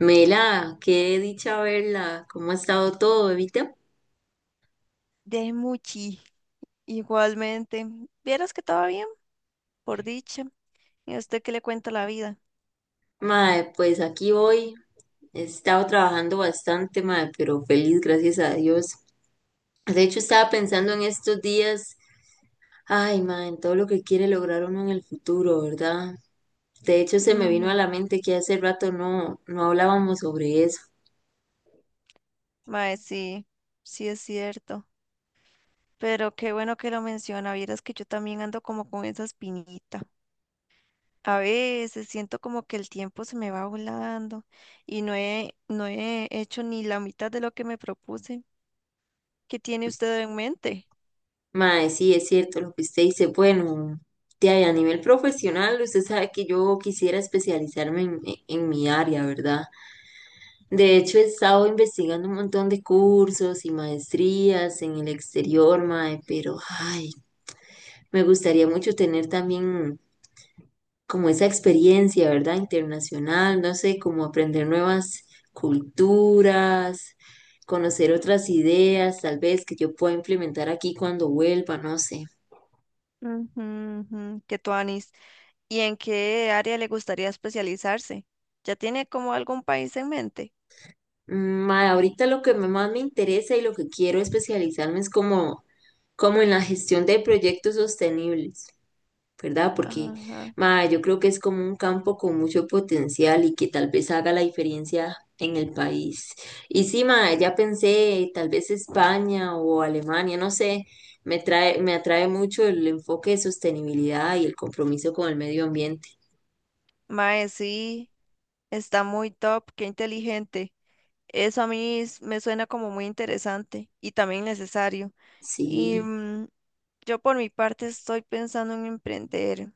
Mela, qué dicha verla, ¿cómo ha estado todo, Evita? De Muchi, igualmente. Vieras que todo bien, por dicha. ¿Y a usted qué le cuenta la vida? Mae, pues aquí voy, he estado trabajando bastante, mae, pero feliz, gracias a Dios. De hecho, estaba pensando en estos días, ay, mae, en todo lo que quiere lograr uno en el futuro, ¿verdad? De hecho, se me vino Ujú. a la mente que hace rato no hablábamos sobre eso. Mae, sí, sí es cierto. Pero qué bueno que lo menciona. Vieras que yo también ando como con esa espinita. A veces siento como que el tiempo se me va volando y no he hecho ni la mitad de lo que me propuse. ¿Qué tiene usted en mente? Mae, sí, es cierto lo que usted dice. Bueno, de ahí, a nivel profesional, usted sabe que yo quisiera especializarme en mi área, ¿verdad? De hecho, he estado investigando un montón de cursos y maestrías en el exterior, mae, pero ay, me gustaría mucho tener también como esa experiencia, ¿verdad? Internacional, no sé, como aprender nuevas culturas, conocer otras ideas, tal vez que yo pueda implementar aquí cuando vuelva, no sé. Ujú, ujú, qué tuanis. ¿Y en qué área le gustaría especializarse? ¿Ya tiene como algún país en mente? Ma, ahorita lo que más me interesa y lo que quiero especializarme es como, como en la gestión de proyectos sostenibles, ¿verdad? Porque Ajá. ma, yo creo que es como un campo con mucho potencial y que tal vez haga la diferencia en el país. Y sí, ma, ya pensé, tal vez España o Alemania, no sé, me atrae mucho el enfoque de sostenibilidad y el compromiso con el medio ambiente. Mae, sí, está muy top, qué inteligente. Eso a mí me suena como muy interesante y también necesario. Y Sí, yo por mi parte estoy pensando en emprender.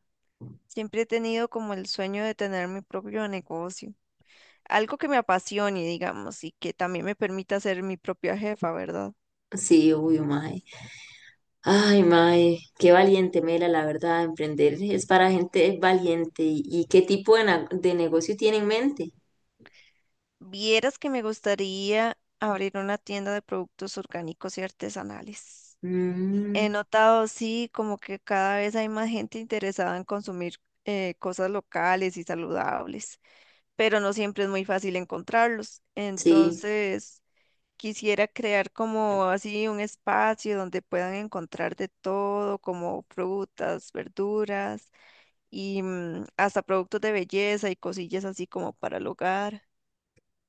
Siempre he tenido como el sueño de tener mi propio negocio. Algo que me apasione, digamos, y que también me permita ser mi propia jefa, ¿verdad? sí, obvio, ma. Ay, mae, qué valiente, Mela, la verdad, emprender es para gente valiente. ¿Y, qué tipo de, de negocio tiene en mente? Vieras que me gustaría abrir una tienda de productos orgánicos y artesanales. Mm, He notado, sí, como que cada vez hay más gente interesada en consumir cosas locales y saludables, pero no siempre es muy fácil encontrarlos. sí, Entonces, quisiera crear como así un espacio donde puedan encontrar de todo, como frutas, verduras y hasta productos de belleza y cosillas así como para el hogar.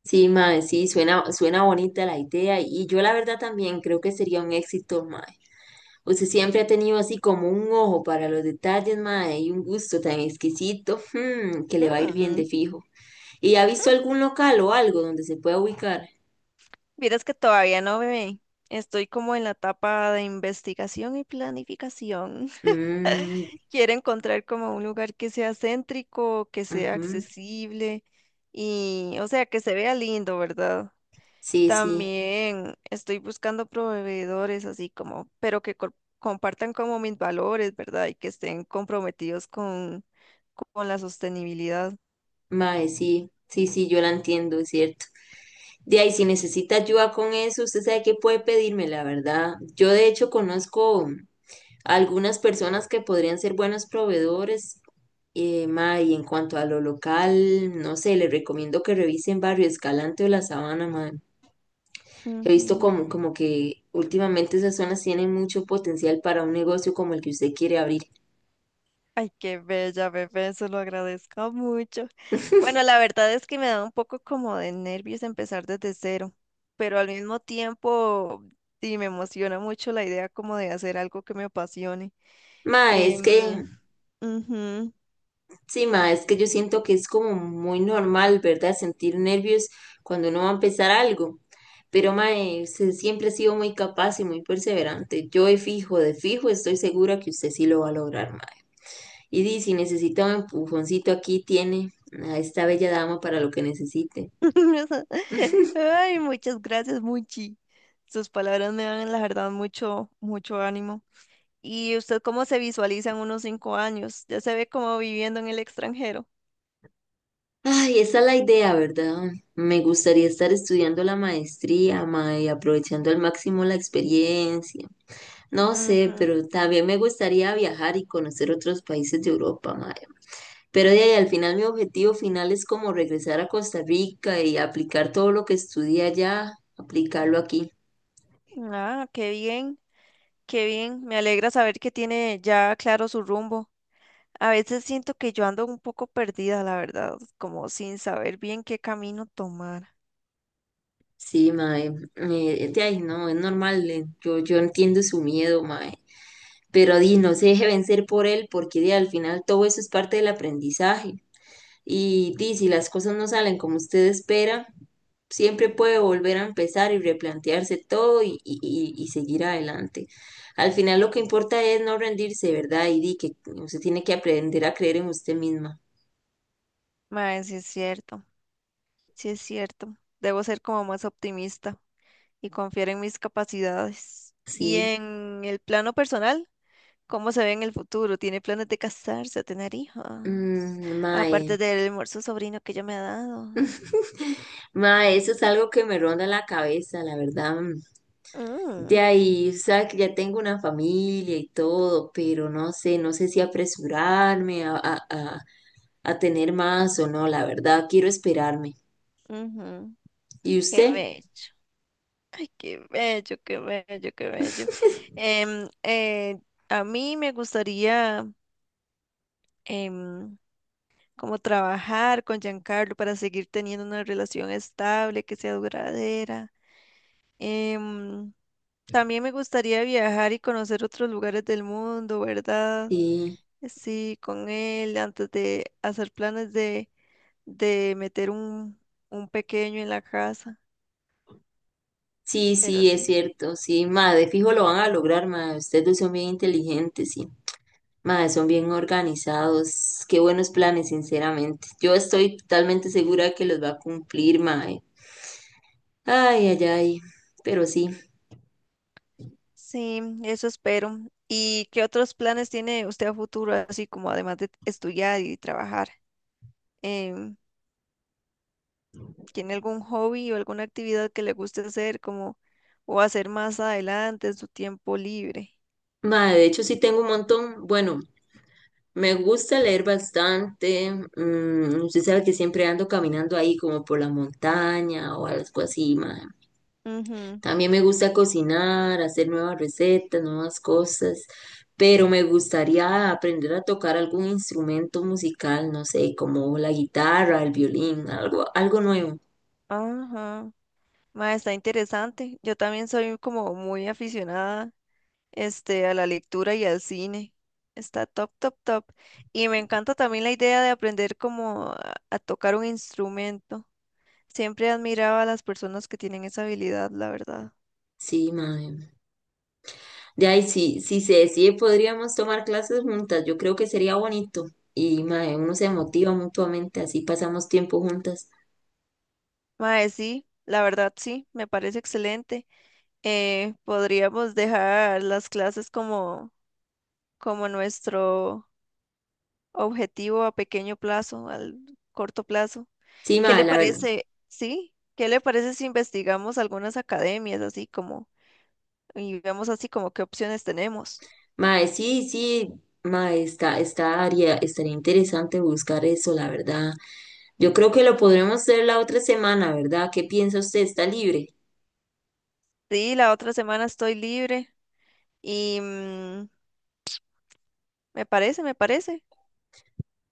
sí, mae, sí, suena bonita la idea. Y yo la verdad también creo que sería un éxito, mae. Usted siempre ha tenido así como un ojo para los detalles, mae, y un gusto tan exquisito, mm, que le va a ir bien de Mm. fijo. ¿Y ha visto algún local o algo donde se pueda ubicar? Vieras que todavía no me estoy como en la etapa de investigación y planificación. Mm, Quiero encontrar como un lugar que sea céntrico, que sea ujú, accesible y, o sea, que se vea lindo, ¿verdad? sí, sí. También estoy buscando proveedores así como, pero que compartan como mis valores, ¿verdad? Y que estén comprometidos con la sostenibilidad. Mae, sí, sí, sí, yo la entiendo, es cierto. De ahí, si necesita ayuda con eso, usted sabe que puede pedirme, la verdad. Yo de hecho conozco algunas personas que podrían ser buenos proveedores. Mae, y en cuanto a lo local, no sé, le recomiendo que revisen Barrio Escalante o La Sabana, mae. He visto Ujú. como, como que últimamente esas zonas tienen mucho potencial para un negocio como el que usted quiere abrir. Ay, qué bella, bebé, se lo agradezco mucho. Bueno, la verdad es que me da un poco como de nervios empezar desde cero, pero al mismo tiempo sí me emociona mucho la idea como de hacer algo que me apasione. Mae, es que Em, Ujú. sí, ma, es que yo siento que es como muy normal, ¿verdad? Sentir nervios cuando uno va a empezar algo. Pero, ma, usted siempre ha sido muy capaz y muy perseverante. Yo de fijo, estoy segura que usted sí lo va a lograr, ma. Y di, si necesita un empujoncito, aquí tiene a esta bella dama para lo que necesite. Ay, muchas gracias, Muchi. Sus palabras me dan, la verdad, mucho, mucho ánimo. ¿Y usted cómo se visualiza en unos 5 años? ¿Ya se ve como viviendo en el extranjero? Ay, esa es la idea, ¿verdad? Me gustaría estar estudiando la maestría, ma, y aprovechando al máximo la experiencia. No sé, Ujú. pero también me gustaría viajar y conocer otros países de Europa, ma. Pero de ahí, al final mi objetivo final es como regresar a Costa Rica y aplicar todo lo que estudié allá, aplicarlo aquí. Ah, qué bien. Qué bien, me alegra saber que tiene ya claro su rumbo. A veces siento que yo ando un poco perdida, la verdad, como sin saber bien qué camino tomar. Sí, mae, de ahí no, es normal, yo entiendo su miedo, mae, pero di, no se deje vencer por él, porque di, al final todo eso es parte del aprendizaje, y di, si las cosas no salen como usted espera, siempre puede volver a empezar y replantearse todo y seguir adelante. Al final lo que importa es no rendirse, ¿verdad? Y di que usted tiene que aprender a creer en usted misma, Mae, sí es cierto, sí es cierto. Debo ser como más optimista y confiar en mis capacidades. Y sí, en el plano personal, ¿cómo se ve en el futuro? ¿Tiene planes de casarse o tener hijos? mm, mae. Aparte del hermoso sobrino que ella me ha dado. Ma, eso es algo que me ronda la cabeza, la verdad. Mm. De Mm, ahí, sabe que ya tengo una familia y todo, pero no sé, no sé si apresurarme a tener más o no, la verdad, quiero esperarme. ujú. ¿Y Qué usted? bello. Qué bello, qué bello, qué bello. Em, eh, a mí me gustaría em, como trabajar con Giancarlo para seguir teniendo una relación estable, que sea duradera. Em, También me gustaría viajar y conocer otros lugares del mundo, ¿verdad? Sí, Sí, con él, antes de hacer planes de, meter un pequeño en la casa. sí, Pero sí, es sí. cierto, sí, ma, de fijo lo van a lograr, ma, ustedes dos son bien inteligentes, sí, ma, son bien organizados, qué buenos planes, sinceramente. Yo estoy totalmente segura de que los va a cumplir, ma. Ay, ay, ay, pero sí. Sí, eso espero. ¿Y qué otros planes tiene usted a futuro, así como además de estudiar y trabajar? Em, ¿Tiene algún hobby o alguna actividad que le guste hacer como o hacer más adelante en su tiempo libre? Mae, de hecho sí tengo un montón. Bueno, me gusta leer bastante. Mm, usted sabe que siempre ando caminando ahí como por la montaña o algo así, mae. Ujú. También me gusta cocinar, hacer nuevas recetas, nuevas cosas. Pero me gustaría aprender a tocar algún instrumento musical, no sé, como la guitarra, el violín, algo, algo nuevo. Ajá. Ma, está interesante. Yo también soy como muy aficionada, a la lectura y al cine. Está top, top, top. Y me encanta también la idea de aprender como a tocar un instrumento. Siempre admiraba a las personas que tienen esa habilidad, la verdad. Sí, mae. De ahí, si se decide, podríamos tomar clases juntas. Yo creo que sería bonito. Y mae, uno se motiva mutuamente, así pasamos tiempo juntas. Mae, sí, la verdad sí, me parece excelente. Podríamos dejar las clases como, nuestro objetivo a pequeño plazo, al corto plazo. Sí, ¿Qué mae, le la verdad. parece? Sí, ¿qué le parece si investigamos algunas academias así como y vemos así como qué opciones tenemos? Mae, sí, sí, mae, está, está, estaría interesante buscar eso, la verdad. Yo creo que lo podremos hacer la otra semana, ¿verdad? ¿Qué piensa usted? ¿Está libre? Sí, la otra semana estoy libre y me parece, me parece.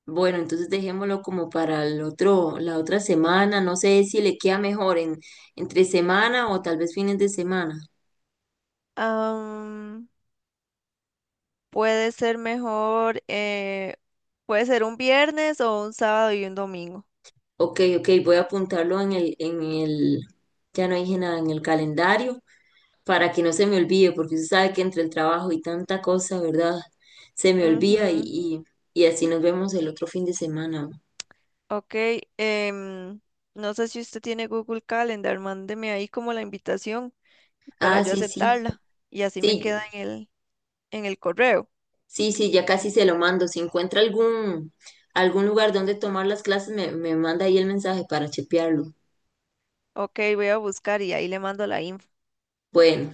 Bueno, entonces dejémoslo como para el otro, la otra semana. No sé si le queda mejor entre semana o tal vez fines de semana. Puede ser mejor, puede ser un viernes o un sábado y un domingo. Ok, ok, voy a apuntarlo en el, ya no dije nada, en el calendario para que no se me olvide, porque usted sabe que entre el trabajo y tanta cosa, ¿verdad? Se me olvida Ujú. Y así nos vemos el otro fin de semana. Ok, em, no sé si usted tiene Google Calendar, mándeme ahí como la invitación para Ah, yo sí, sí, aceptarla y así me sí, queda en el, correo. sí, sí, ya casi se lo mando. Si encuentra algún, algún lugar donde tomar las clases, me manda ahí el mensaje para chepearlo. Ok, voy a buscar y ahí le mando la info. Bueno.